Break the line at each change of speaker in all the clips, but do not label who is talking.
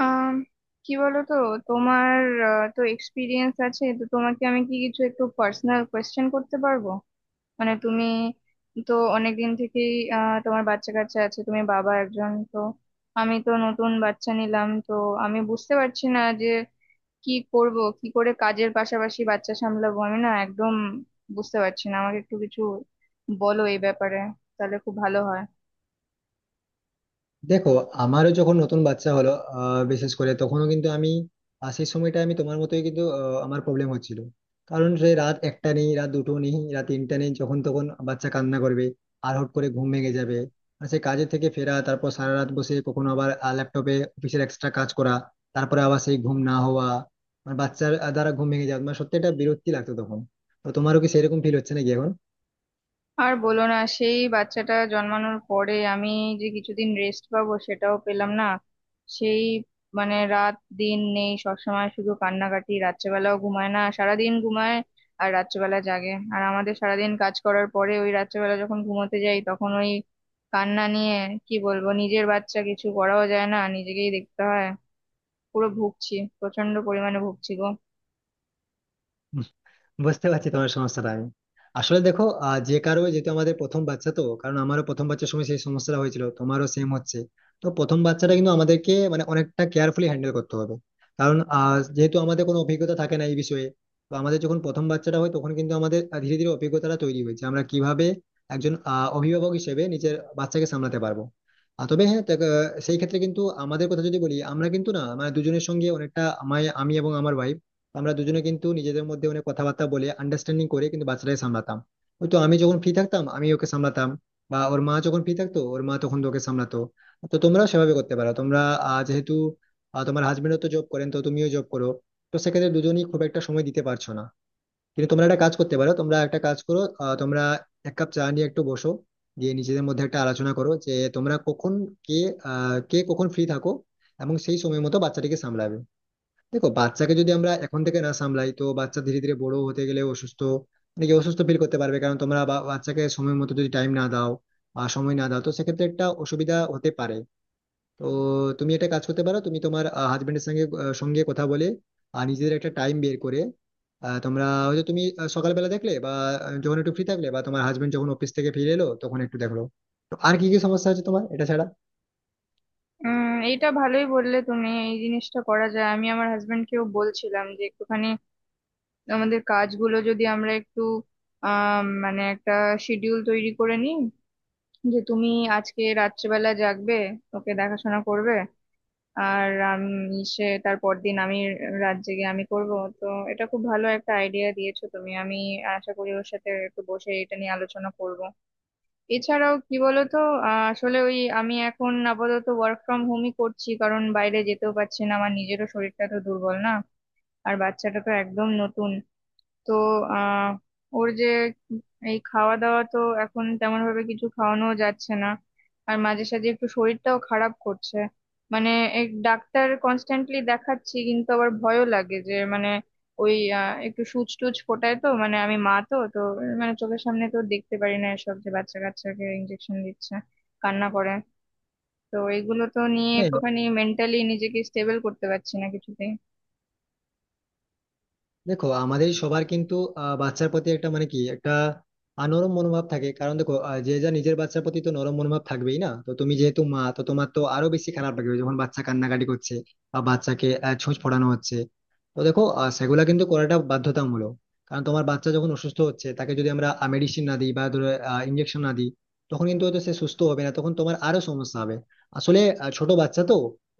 আম, কি বলো তো? তোমার তো এক্সপিরিয়েন্স আছে, তো তোমাকে আমি কি কিছু একটু পার্সোনাল কোয়েশ্চেন করতে পারবো? মানে তুমি তো অনেকদিন থেকেই তোমার বাচ্চা কাচ্চা আছে, তুমি বাবা একজন তো। আমি তো নতুন বাচ্চা নিলাম, তো আমি বুঝতে পারছি না যে কি করব, কি করে কাজের পাশাপাশি বাচ্চা সামলাবো। আমি না একদম বুঝতে পারছি না, আমাকে একটু কিছু বলো এই ব্যাপারে, তাহলে খুব ভালো হয়।
দেখো, আমারও যখন নতুন বাচ্চা হলো বিশেষ করে তখনও কিন্তু আমি সেই সময়টা আমি তোমার মতোই কিন্তু আমার প্রবলেম হচ্ছিল। কারণ সে রাত 1টা নেই, রাত 2টো নেই, রাত 3টে নেই, যখন তখন বাচ্চা কান্না করবে আর হট করে ঘুম ভেঙে যাবে। আর সে কাজের থেকে ফেরা, তারপর সারা রাত বসে কখনো আবার ল্যাপটপে অফিসের এক্সট্রা কাজ করা, তারপরে আবার সেই ঘুম না হওয়া, মানে বাচ্চার দ্বারা ঘুম ভেঙে যাওয়া, মানে সত্যি এটা বিরক্তি লাগতো তখন। তো তোমারও কি সেরকম ফিল হচ্ছে নাকি এখন?
আর বলো না, সেই বাচ্চাটা জন্মানোর পরে আমি যে কিছুদিন রেস্ট পাবো সেটাও পেলাম না। সেই মানে রাত দিন নেই, সবসময় শুধু কান্নাকাটি, রাত্রেবেলাও ঘুমায় না, সারাদিন ঘুমায় আর রাত্রেবেলা জাগে। আর আমাদের সারাদিন কাজ করার পরে ওই রাত্রেবেলা যখন ঘুমোতে যাই তখন ওই কান্না নিয়ে কি বলবো, নিজের বাচ্চা কিছু করাও যায় না, নিজেকেই দেখতে হয়। পুরো ভুগছি, প্রচন্ড পরিমাণে ভুগছি গো।
বুঝতে পারছি তোমার সমস্যাটা আমি। আসলে দেখো, যে কারো যেহেতু আমাদের প্রথম বাচ্চা তো, কারণ আমারও প্রথম বাচ্চার সময় সেই সমস্যাটা হয়েছিল, তোমারও সেম হচ্ছে। তো প্রথম বাচ্চাটা কিন্তু আমাদেরকে মানে অনেকটা কেয়ারফুলি হ্যান্ডেল করতে হবে, কারণ যেহেতু আমাদের কোনো অভিজ্ঞতা থাকে না এই বিষয়ে। তো আমাদের যখন প্রথম বাচ্চাটা হয় তখন কিন্তু আমাদের ধীরে ধীরে অভিজ্ঞতাটা তৈরি হয়েছে আমরা কিভাবে একজন অভিভাবক হিসেবে নিজের বাচ্চাকে সামলাতে পারবো। আর তবে হ্যাঁ দেখ, সেই ক্ষেত্রে কিন্তু আমাদের কথা যদি বলি, আমরা কিন্তু না মানে দুজনের সঙ্গে অনেকটা, আমায় আমি এবং আমার ভাই, আমরা দুজনে কিন্তু নিজেদের মধ্যে অনেক কথাবার্তা বলে আন্ডারস্ট্যান্ডিং করে কিন্তু বাচ্চাটাকে সামলাতাম। হয়তো আমি যখন ফ্রি থাকতাম আমি ওকে সামলাতাম, বা ওর মা যখন ফ্রি থাকতো ওর মা তখন ওকে সামলাতো। তো তোমরাও সেভাবে করতে পারো। তোমরা যেহেতু তোমার হাজবেন্ডও তো জব করেন, তো তুমিও জব করো, তো সেক্ষেত্রে দুজনেই খুব একটা সময় দিতে পারছো না। কিন্তু তোমরা একটা কাজ করতে পারো, তোমরা একটা কাজ করো, তোমরা এক কাপ চা নিয়ে একটু বসো, দিয়ে নিজেদের মধ্যে একটা আলোচনা করো যে তোমরা কখন, কে, কে কখন ফ্রি থাকো এবং সেই সময় মতো বাচ্চাটিকে সামলাবে। দেখো, বাচ্চাকে যদি আমরা এখন থেকে না সামলাই তো বাচ্চা ধীরে ধীরে বড় হতে গেলে অসুস্থ, মানে কি অসুস্থ ফিল করতে পারবে, কারণ তোমরা বাচ্চাকে সময় মতো যদি টাইম না দাও বা সময় না দাও তো সেক্ষেত্রে একটা অসুবিধা হতে পারে। তো তুমি একটা কাজ করতে পারো, তুমি তোমার হাজবেন্ডের সঙ্গে কথা বলে আর নিজেদের একটা টাইম বের করে, তোমরা হয়তো তুমি সকালবেলা দেখলে বা যখন একটু ফ্রি থাকলে বা তোমার হাজবেন্ড যখন অফিস থেকে ফিরে এলো তখন একটু দেখলো। তো আর কি কি সমস্যা হচ্ছে তোমার এটা ছাড়া?
উম এইটা ভালোই বললে তুমি, এই জিনিসটা করা যায়। আমি আমার হাজবেন্ডকেও বলছিলাম যে একটুখানি আমাদের কাজগুলো যদি আমরা একটু মানে একটা শিডিউল তৈরি করে নিই, যে তুমি আজকে রাত্রেবেলা জাগবে, ওকে দেখাশোনা করবে, আর আমি সে তারপর দিন আমি রাত জেগে আমি করব। তো এটা খুব ভালো একটা আইডিয়া দিয়েছো তুমি, আমি আশা করি ওর সাথে একটু বসে এটা নিয়ে আলোচনা করব। এছাড়াও কি বলতো, আসলে ওই আমি এখন আপাতত ওয়ার্ক ফ্রম হোমই করছি, কারণ বাইরে যেতেও পারছি না, আমার নিজেরও শরীরটা তো দুর্বল না। আর বাচ্চাটা তো একদম নতুন, তো আহ ওর যে এই খাওয়া দাওয়া তো এখন তেমন ভাবে কিছু খাওয়ানো যাচ্ছে না, আর মাঝে সাঝে একটু শরীরটাও খারাপ করছে। মানে এক ডাক্তার কনস্ট্যান্টলি দেখাচ্ছি, কিন্তু আবার ভয়ও লাগে যে মানে ওই একটু সুচ টুচ ফোটায় তো, মানে আমি মা তো তো মানে চোখের সামনে তো দেখতে পারি না এসব, যে বাচ্চা কাচ্চাকে ইনজেকশন দিচ্ছে, কান্না করে। তো এগুলো তো নিয়ে
হ্যাঁ।
একটুখানি মেন্টালি নিজেকে স্টেবল করতে পারছি না কিছুতেই।
দেখো, আমাদের সবার কিন্তু বাচ্চার প্রতি একটা মানে কি একটা নরম মনোভাব থাকে, কারণ দেখো, যে যা নিজের বাচ্চার প্রতি তো নরম মনোভাব থাকবেই না, তো তুমি যেহেতু মা তো তোমার তো আরো বেশি খারাপ লাগবে যখন বাচ্চা কান্নাকাটি করছে বা বাচ্চাকে ছুঁচ ফোড়ানো হচ্ছে। তো দেখো, সেগুলা কিন্তু করাটা বাধ্যতামূলক, কারণ তোমার বাচ্চা যখন অসুস্থ হচ্ছে তাকে যদি আমরা মেডিসিন না দিই বা ধরো ইঞ্জেকশন না দিই, তখন কিন্তু হয়তো সে সুস্থ হবে না, তখন তোমার আরো সমস্যা হবে। আসলে ছোট বাচ্চা তো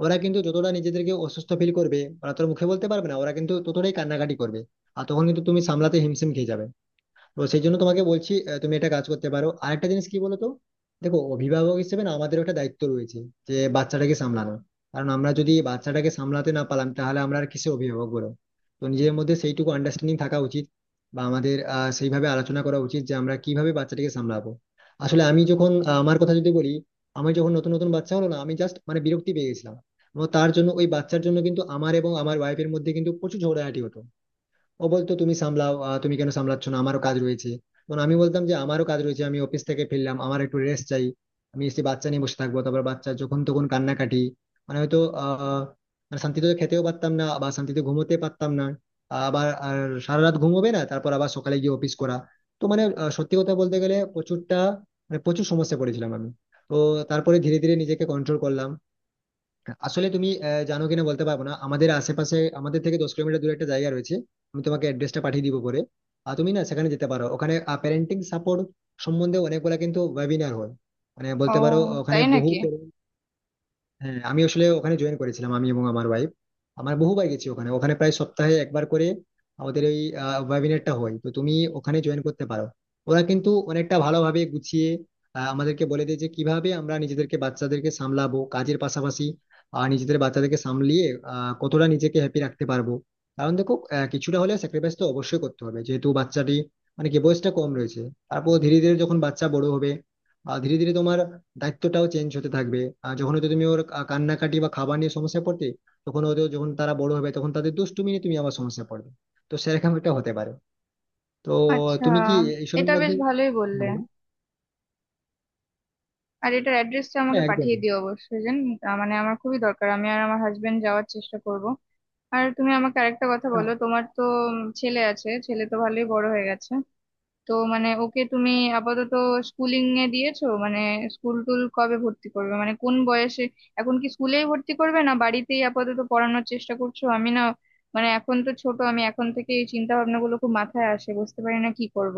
ওরা কিন্তু যতটা নিজেদেরকে অসুস্থ ফিল করবে ওরা তো আর মুখে বলতে পারবে না, ওরা কিন্তু ততটাই কান্নাকাটি করবে, আর তখন কিন্তু তুমি সামলাতে হিমশিম খেয়ে যাবে। তো সেই জন্য তোমাকে বলছি তুমি একটা কাজ করতে পারো। আরেকটা জিনিস কি বলো তো, দেখো, অভিভাবক হিসেবে না আমাদের একটা দায়িত্ব রয়েছে যে বাচ্চাটাকে সামলানো, কারণ আমরা যদি বাচ্চাটাকে সামলাতে না পারলাম তাহলে আমরা আর কিসে অভিভাবক বলো। তো নিজের মধ্যে সেইটুকু আন্ডারস্ট্যান্ডিং থাকা উচিত বা আমাদের সেইভাবে আলোচনা করা উচিত যে আমরা কিভাবে বাচ্চাটাকে সামলাবো। আসলে আমি যখন আমার কথা যদি বলি, আমি যখন নতুন নতুন বাচ্চা হলো না আমি জাস্ট মানে বিরক্তি পেয়ে গেছিলাম, এবং তার জন্য ওই বাচ্চার জন্য কিন্তু আমার এবং আমার ওয়াইফের মধ্যে কিন্তু প্রচুর ঝগড়াঝাটি হতো। ও বলতো তুমি সামলাও, তুমি কেন সামলাচ্ছ না, আমারও কাজ রয়েছে। তখন আমি বলতাম যে আমারও কাজ রয়েছে, আমি অফিস থেকে ফিরলাম, আমার একটু রেস্ট চাই, আমি এসে বাচ্চা নিয়ে বসে থাকবো, তারপর বাচ্চা যখন তখন কান্নাকাটি, মানে হয়তো আহ মানে শান্তিতে খেতেও পারতাম না বা শান্তিতে ঘুমোতে পারতাম না। আবার আর সারা রাত ঘুমোবে না তারপর আবার সকালে গিয়ে অফিস করা। তো মানে সত্যি কথা বলতে গেলে প্রচুরটা মানে প্রচুর সমস্যা পড়েছিলাম আমি। তো তারপরে ধীরে ধীরে নিজেকে কন্ট্রোল করলাম। আসলে তুমি জানো কিনা বলতে পারবো না, আমাদের আশেপাশে আমাদের থেকে 10 কিলোমিটার দূরে একটা জায়গা রয়েছে। আমি তোমাকে অ্যাড্রেসটা পাঠিয়ে দিব পরে। আর তুমি না সেখানে যেতে পারো, ওখানে প্যারেন্টিং সাপোর্ট সম্বন্ধে অনেকগুলা কিন্তু ওয়েবিনার হয়, মানে
ও,
বলতে পারো ওখানে
তাই
বহু
নাকি?
parent। হ্যাঁ, আমি আসলে ওখানে জয়েন করেছিলাম আমি এবং আমার ওয়াইফ। আমার বহুবার গেছি ওখানে, ওখানে প্রায় সপ্তাহে একবার করে আমাদের ওই ওয়েবিনারটা হয়, তো তুমি ওখানে জয়েন করতে পারো। ওরা কিন্তু অনেকটা ভালোভাবে গুছিয়ে আমাদেরকে বলে দেয় যে কিভাবে আমরা নিজেদেরকে বাচ্চাদেরকে সামলাবো কাজের পাশাপাশি। আর নিজেদের বাচ্চাদেরকে সামলিয়ে কতটা নিজেকে হ্যাপি রাখতে পারবো, কারণ দেখো, কিছুটা হলেও স্যাক্রিফাইস তো অবশ্যই করতে হবে যেহেতু বাচ্চাটি মানে কি বয়সটা কম রয়েছে। তারপর ধীরে ধীরে যখন বাচ্চা বড় হবে, ধীরে ধীরে তোমার দায়িত্বটাও চেঞ্জ হতে থাকবে। আর যখন হয়তো তুমি ওর কান্নাকাটি বা খাবার নিয়ে সমস্যায় পড়তে, তখন হয়তো যখন তারা বড় হবে তখন তাদের দুষ্টুমি নিয়ে তুমি আবার সমস্যায় পড়বে। তো সেরকম একটা হতে পারে। তো
আচ্ছা,
তুমি কি এইসবের
এটা বেশ
মধ্যে?
ভালোই
হ্যাঁ
বললে।
বলো।
আর এটার অ্যাড্রেসটা আমাকে
হ্যাঁ, একদম।
পাঠিয়ে দিও অবশ্যই, জান। মানে আমার খুবই দরকার, আমি আর আমার হাজবেন্ড যাওয়ার চেষ্টা করব। আর তুমি আমাকে আরেকটা কথা বলো, তোমার তো ছেলে আছে, ছেলে তো ভালোই বড় হয়ে গেছে। তো মানে ওকে তুমি আপাতত স্কুলিং এ দিয়েছো? মানে স্কুল টুল কবে ভর্তি করবে, মানে কোন বয়সে? এখন কি স্কুলেই ভর্তি করবে, না বাড়িতেই আপাতত পড়ানোর চেষ্টা করছো? আমি না, মানে এখন তো ছোট, আমি এখন থেকে এই চিন্তা ভাবনাগুলো খুব মাথায় আসে, বুঝতে পারি না কি করব।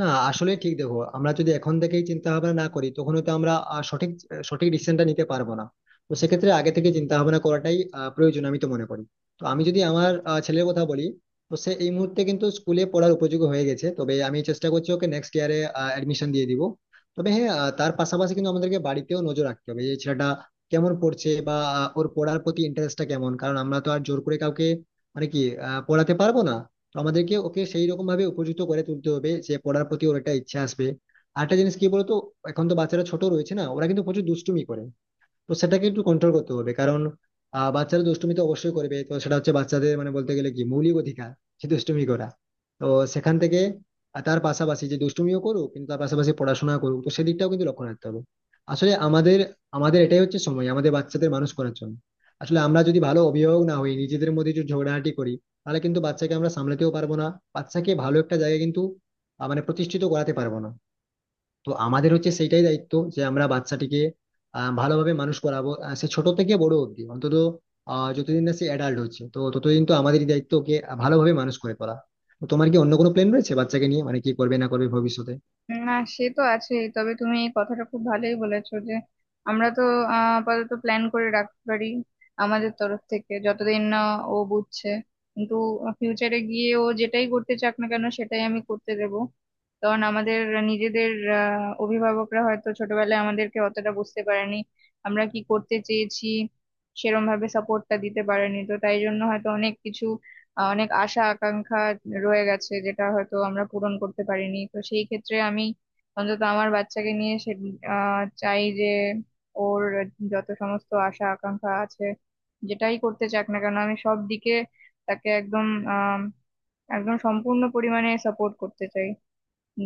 না আসলে ঠিক দেখো, আমরা যদি এখন থেকেই চিন্তা ভাবনা না করি তখন হয়তো আমরা আহ, সঠিক সঠিক ডিসিশনটা নিতে পারবো না। তো সেক্ষেত্রে আগে থেকে চিন্তা ভাবনা করাটাই প্রয়োজন আমি তো মনে করি। তো আমি যদি আমার ছেলের কথা বলি, তো সে এই মুহূর্তে কিন্তু স্কুলে পড়ার উপযোগী হয়ে গেছে, তবে আমি চেষ্টা করছি ওকে নেক্সট ইয়ারে অ্যাডমিশন দিয়ে দিব। তবে হ্যাঁ তার পাশাপাশি কিন্তু আমাদেরকে বাড়িতেও নজর রাখতে হবে এই ছেলেটা কেমন পড়ছে বা ওর পড়ার প্রতি ইন্টারেস্টটা কেমন, কারণ আমরা তো আর জোর করে কাউকে মানে কি পড়াতে পারবো না। তো আমাদেরকে ওকে সেই রকম ভাবে উপযুক্ত করে তুলতে হবে যে পড়ার প্রতি ওর একটা ইচ্ছা আসবে। আরেকটা জিনিস কি বলতো, এখন তো বাচ্চারা ছোট রয়েছে না, ওরা কিন্তু প্রচুর দুষ্টুমি করে, তো সেটাকে একটু কন্ট্রোল করতে হবে, কারণ বাচ্চারা দুষ্টুমি তো অবশ্যই করবে, তো সেটা হচ্ছে বাচ্চাদের মানে বলতে গেলে কি মৌলিক অধিকার, যে দুষ্টুমি করা। তো সেখান থেকে, আর তার পাশাপাশি যে দুষ্টুমিও করুক, কিন্তু তার পাশাপাশি পড়াশোনা করুক, তো সেদিকটাও কিন্তু লক্ষ্য রাখতে হবে। আসলে আমাদের আমাদের এটাই হচ্ছে সময় আমাদের বাচ্চাদের মানুষ করার জন্য। আসলে আমরা যদি ভালো অভিভাবক না হই, নিজেদের মধ্যে যদি ঝগড়াঝাটি করি, তাহলে কিন্তু বাচ্চাকে আমরা সামলাতেও পারবো না। বাচ্চাকে ভালো একটা জায়গায় কিন্তু মানে প্রতিষ্ঠিত করাতে পারবো না। তো আমাদের হচ্ছে সেইটাই দায়িত্ব যে আমরা বাচ্চাটিকে ভালোভাবে মানুষ করাবো, সে ছোট থেকে বড় অবধি অন্তত যতদিন না সে অ্যাডাল্ট হচ্ছে তো ততদিন তো আমাদেরই দায়িত্ব ওকে ভালোভাবে মানুষ করে তোলা। তো তোমার কি অন্য কোনো প্ল্যান রয়েছে বাচ্চাকে নিয়ে মানে কি করবে না করবে ভবিষ্যতে?
না সে তো আছেই, তবে তুমি এই কথাটা খুব ভালোই বলেছো যে আমরা তো আপাতত প্ল্যান করে রাখতে পারি আমাদের তরফ থেকে, যতদিন না ও বুঝছে। কিন্তু ফিউচারে গিয়ে ও যেটাই করতে চাক না কেন সেটাই আমি করতে দেব। কারণ আমাদের নিজেদের অভিভাবকরা হয়তো ছোটবেলায় আমাদেরকে অতটা বুঝতে পারেনি আমরা কি করতে চেয়েছি, সেরম ভাবে সাপোর্টটা দিতে পারেনি, তো তাই জন্য হয়তো অনেক কিছু, অনেক আশা আকাঙ্ক্ষা রয়ে গেছে, যেটা হয়তো আমরা পূরণ করতে পারিনি। তো সেই ক্ষেত্রে আমি অন্তত আমার বাচ্চাকে নিয়ে সে চাই যে ওর যত সমস্ত আশা আকাঙ্ক্ষা আছে, যেটাই করতে চাক না কেন আমি সব দিকে তাকে একদম আহ একদম সম্পূর্ণ পরিমাণে সাপোর্ট করতে চাই।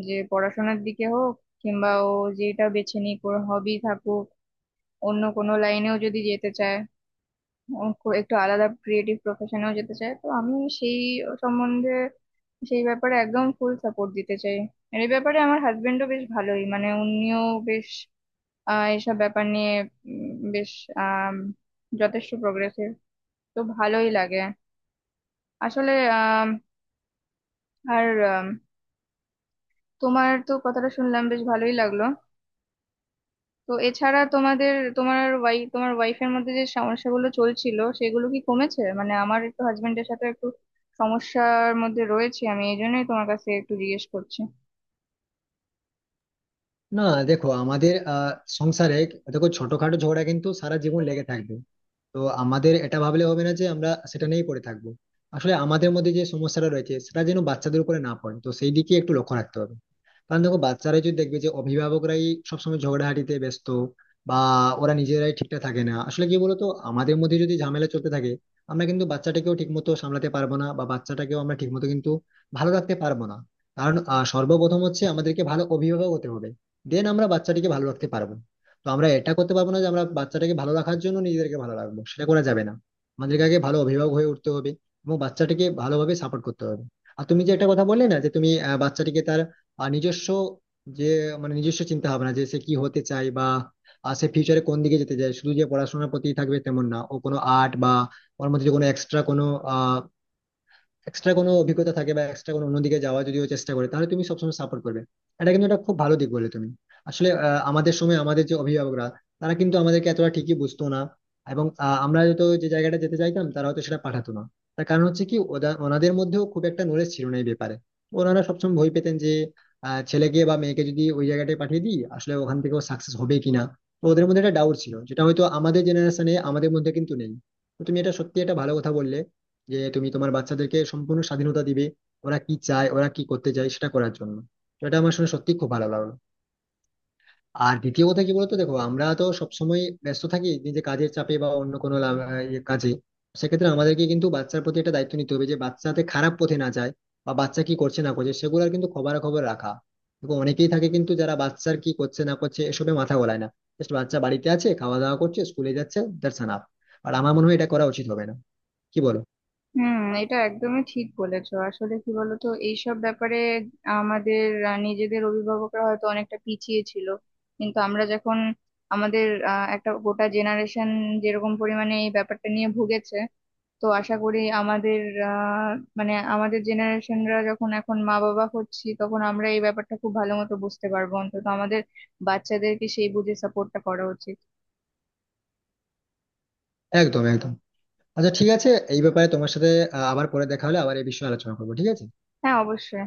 যে পড়াশোনার দিকে হোক, কিংবা ও যেটা বেছে নিক, ওর হবি থাকুক, অন্য কোনো লাইনেও যদি যেতে চায়, একটু আলাদা ক্রিয়েটিভ প্রফেশনেও যেতে চায়, তো আমি সেই সম্বন্ধে, সেই ব্যাপারে একদম ফুল সাপোর্ট দিতে চাই। আর এই ব্যাপারে আমার হাজবেন্ডও বেশ ভালোই, মানে উনিও বেশ এইসব ব্যাপার নিয়ে উম, বেশ আম, যথেষ্ট প্রগ্রেসিভ, তো ভালোই লাগে আসলে। আম, আর আম, তোমার তো কথাটা শুনলাম, বেশ ভালোই লাগলো। তো এছাড়া তোমাদের, তোমার তোমার ওয়াইফের মধ্যে যে সমস্যাগুলো চলছিল সেগুলো কি কমেছে? মানে আমার একটু হাজবেন্ডের সাথে একটু সমস্যার মধ্যে রয়েছে, আমি এই জন্যই তোমার কাছে একটু জিজ্ঞেস করছি।
না দেখো, আমাদের সংসারে, দেখো, ছোটখাটো ঝগড়া কিন্তু সারা জীবন লেগে থাকবে। তো আমাদের এটা ভাবলে হবে না যে আমরা সেটা নিয়েই পড়ে থাকবো। আসলে আমাদের মধ্যে যে সমস্যাটা রয়েছে সেটা যেন বাচ্চাদের উপরে না পড়ে, তো সেই দিকে একটু লক্ষ্য রাখতে হবে, কারণ দেখো, বাচ্চারাই যদি দেখবে যে অভিভাবকরাই সবসময় ঝগড়াঝাটিতে ব্যস্ত বা ওরা নিজেরাই ঠিকঠাক থাকে না। আসলে কি বলতো, আমাদের মধ্যে যদি ঝামেলা চলতে থাকে আমরা কিন্তু বাচ্চাটাকেও ঠিক মতো সামলাতে পারবো না বা বাচ্চাটাকেও আমরা ঠিক মতো কিন্তু ভালো রাখতে পারবো না, কারণ সর্বপ্রথম হচ্ছে আমাদেরকে ভালো অভিভাবক হতে হবে, দেন আমরা বাচ্চাটিকে ভালো রাখতে পারবো। তো আমরা এটা করতে পারবো না যে আমরা বাচ্চাটাকে ভালো রাখার জন্য নিজেদেরকে ভালো রাখবো, সেটা করা যাবে না। আমাদেরকে আগে ভালো অভিভাবক হয়ে উঠতে হবে এবং বাচ্চাটিকে ভালোভাবে সাপোর্ট করতে হবে। আর তুমি যে একটা কথা বললে না যে তুমি বাচ্চাটিকে তার নিজস্ব যে মানে নিজস্ব চিন্তা ভাবনা, যে সে কি হতে চায় বা সে ফিউচারে কোন দিকে যেতে চায়, শুধু যে পড়াশোনার প্রতি থাকবে তেমন না, ও কোনো আর্ট বা ওর মধ্যে যে কোনো এক্সট্রা কোনো অভিজ্ঞতা থাকে বা এক্সট্রা কোনো অন্যদিকে যাওয়া যদিও চেষ্টা করে তাহলে তুমি সবসময় সাপোর্ট করবে, এটা কিন্তু একটা খুব ভালো দিক বলে তুমি। আসলে আমাদের সময় আমাদের যে অভিভাবকরা তারা কিন্তু আমাদেরকে এতটা ঠিকই বুঝতো না, এবং আমরা হয়তো যে জায়গাটা যেতে চাইতাম তারা হয়তো সেটা পাঠাতো না। তার কারণ হচ্ছে কি ওনাদের মধ্যেও খুব একটা নলেজ ছিল না এই ব্যাপারে। ওনারা সবসময় ভয় পেতেন যে ছেলেকে বা মেয়েকে যদি ওই জায়গাটায় পাঠিয়ে দিই আসলে ওখান থেকে ও সাকসেস হবে কিনা। তো ওদের মধ্যে একটা ডাউট ছিল যেটা হয়তো আমাদের জেনারেশনে আমাদের মধ্যে কিন্তু নেই। তো তুমি এটা সত্যি একটা ভালো কথা বললে যে তুমি তোমার বাচ্চাদেরকে সম্পূর্ণ স্বাধীনতা দিবে, ওরা কি চায়, ওরা কি করতে চায় সেটা করার জন্য। তো এটা আমার শুনে সত্যি খুব ভালো লাগলো। আর দ্বিতীয় কথা কি বলতো, দেখো, আমরা তো সবসময় ব্যস্ত থাকি নিজে কাজের চাপে বা অন্য কোনো ইয়ে কাজে। সেক্ষেত্রে আমাদেরকে কিন্তু বাচ্চার প্রতি একটা দায়িত্ব নিতে হবে যে বাচ্চাতে খারাপ পথে না যায় বা বাচ্চা কি করছে না করছে সেগুলোর কিন্তু খবরাখবর রাখা। দেখো, অনেকেই থাকে কিন্তু যারা বাচ্চার কি করছে না করছে এসবে মাথা গলায় না, জাস্ট বাচ্চা বাড়িতে আছে, খাওয়া দাওয়া করছে, স্কুলে যাচ্ছে, দ্যাটস এনাফ। আর আমার মনে হয় এটা করা উচিত হবে না। কি বলো?
হুম, এটা একদমই ঠিক বলেছো। আসলে কি বলতো, এইসব ব্যাপারে আমাদের নিজেদের অভিভাবকরা হয়তো অনেকটা পিছিয়ে ছিল, কিন্তু আমরা যখন আমাদের একটা গোটা জেনারেশন যেরকম পরিমাণে এই ব্যাপারটা নিয়ে ভুগেছে, তো আশা করি আমাদের আহ মানে আমাদের জেনারেশনরা যখন এখন মা বাবা হচ্ছি তখন আমরা এই ব্যাপারটা খুব ভালো মতো বুঝতে পারবো। অন্তত আমাদের বাচ্চাদেরকে সেই বুঝে সাপোর্টটা করা উচিত।
একদম একদম। আচ্ছা ঠিক আছে, এই ব্যাপারে তোমার সাথে আবার পরে দেখা হলে আবার এই বিষয়ে আলোচনা করবো, ঠিক আছে?
হ্যাঁ, অবশ্যই।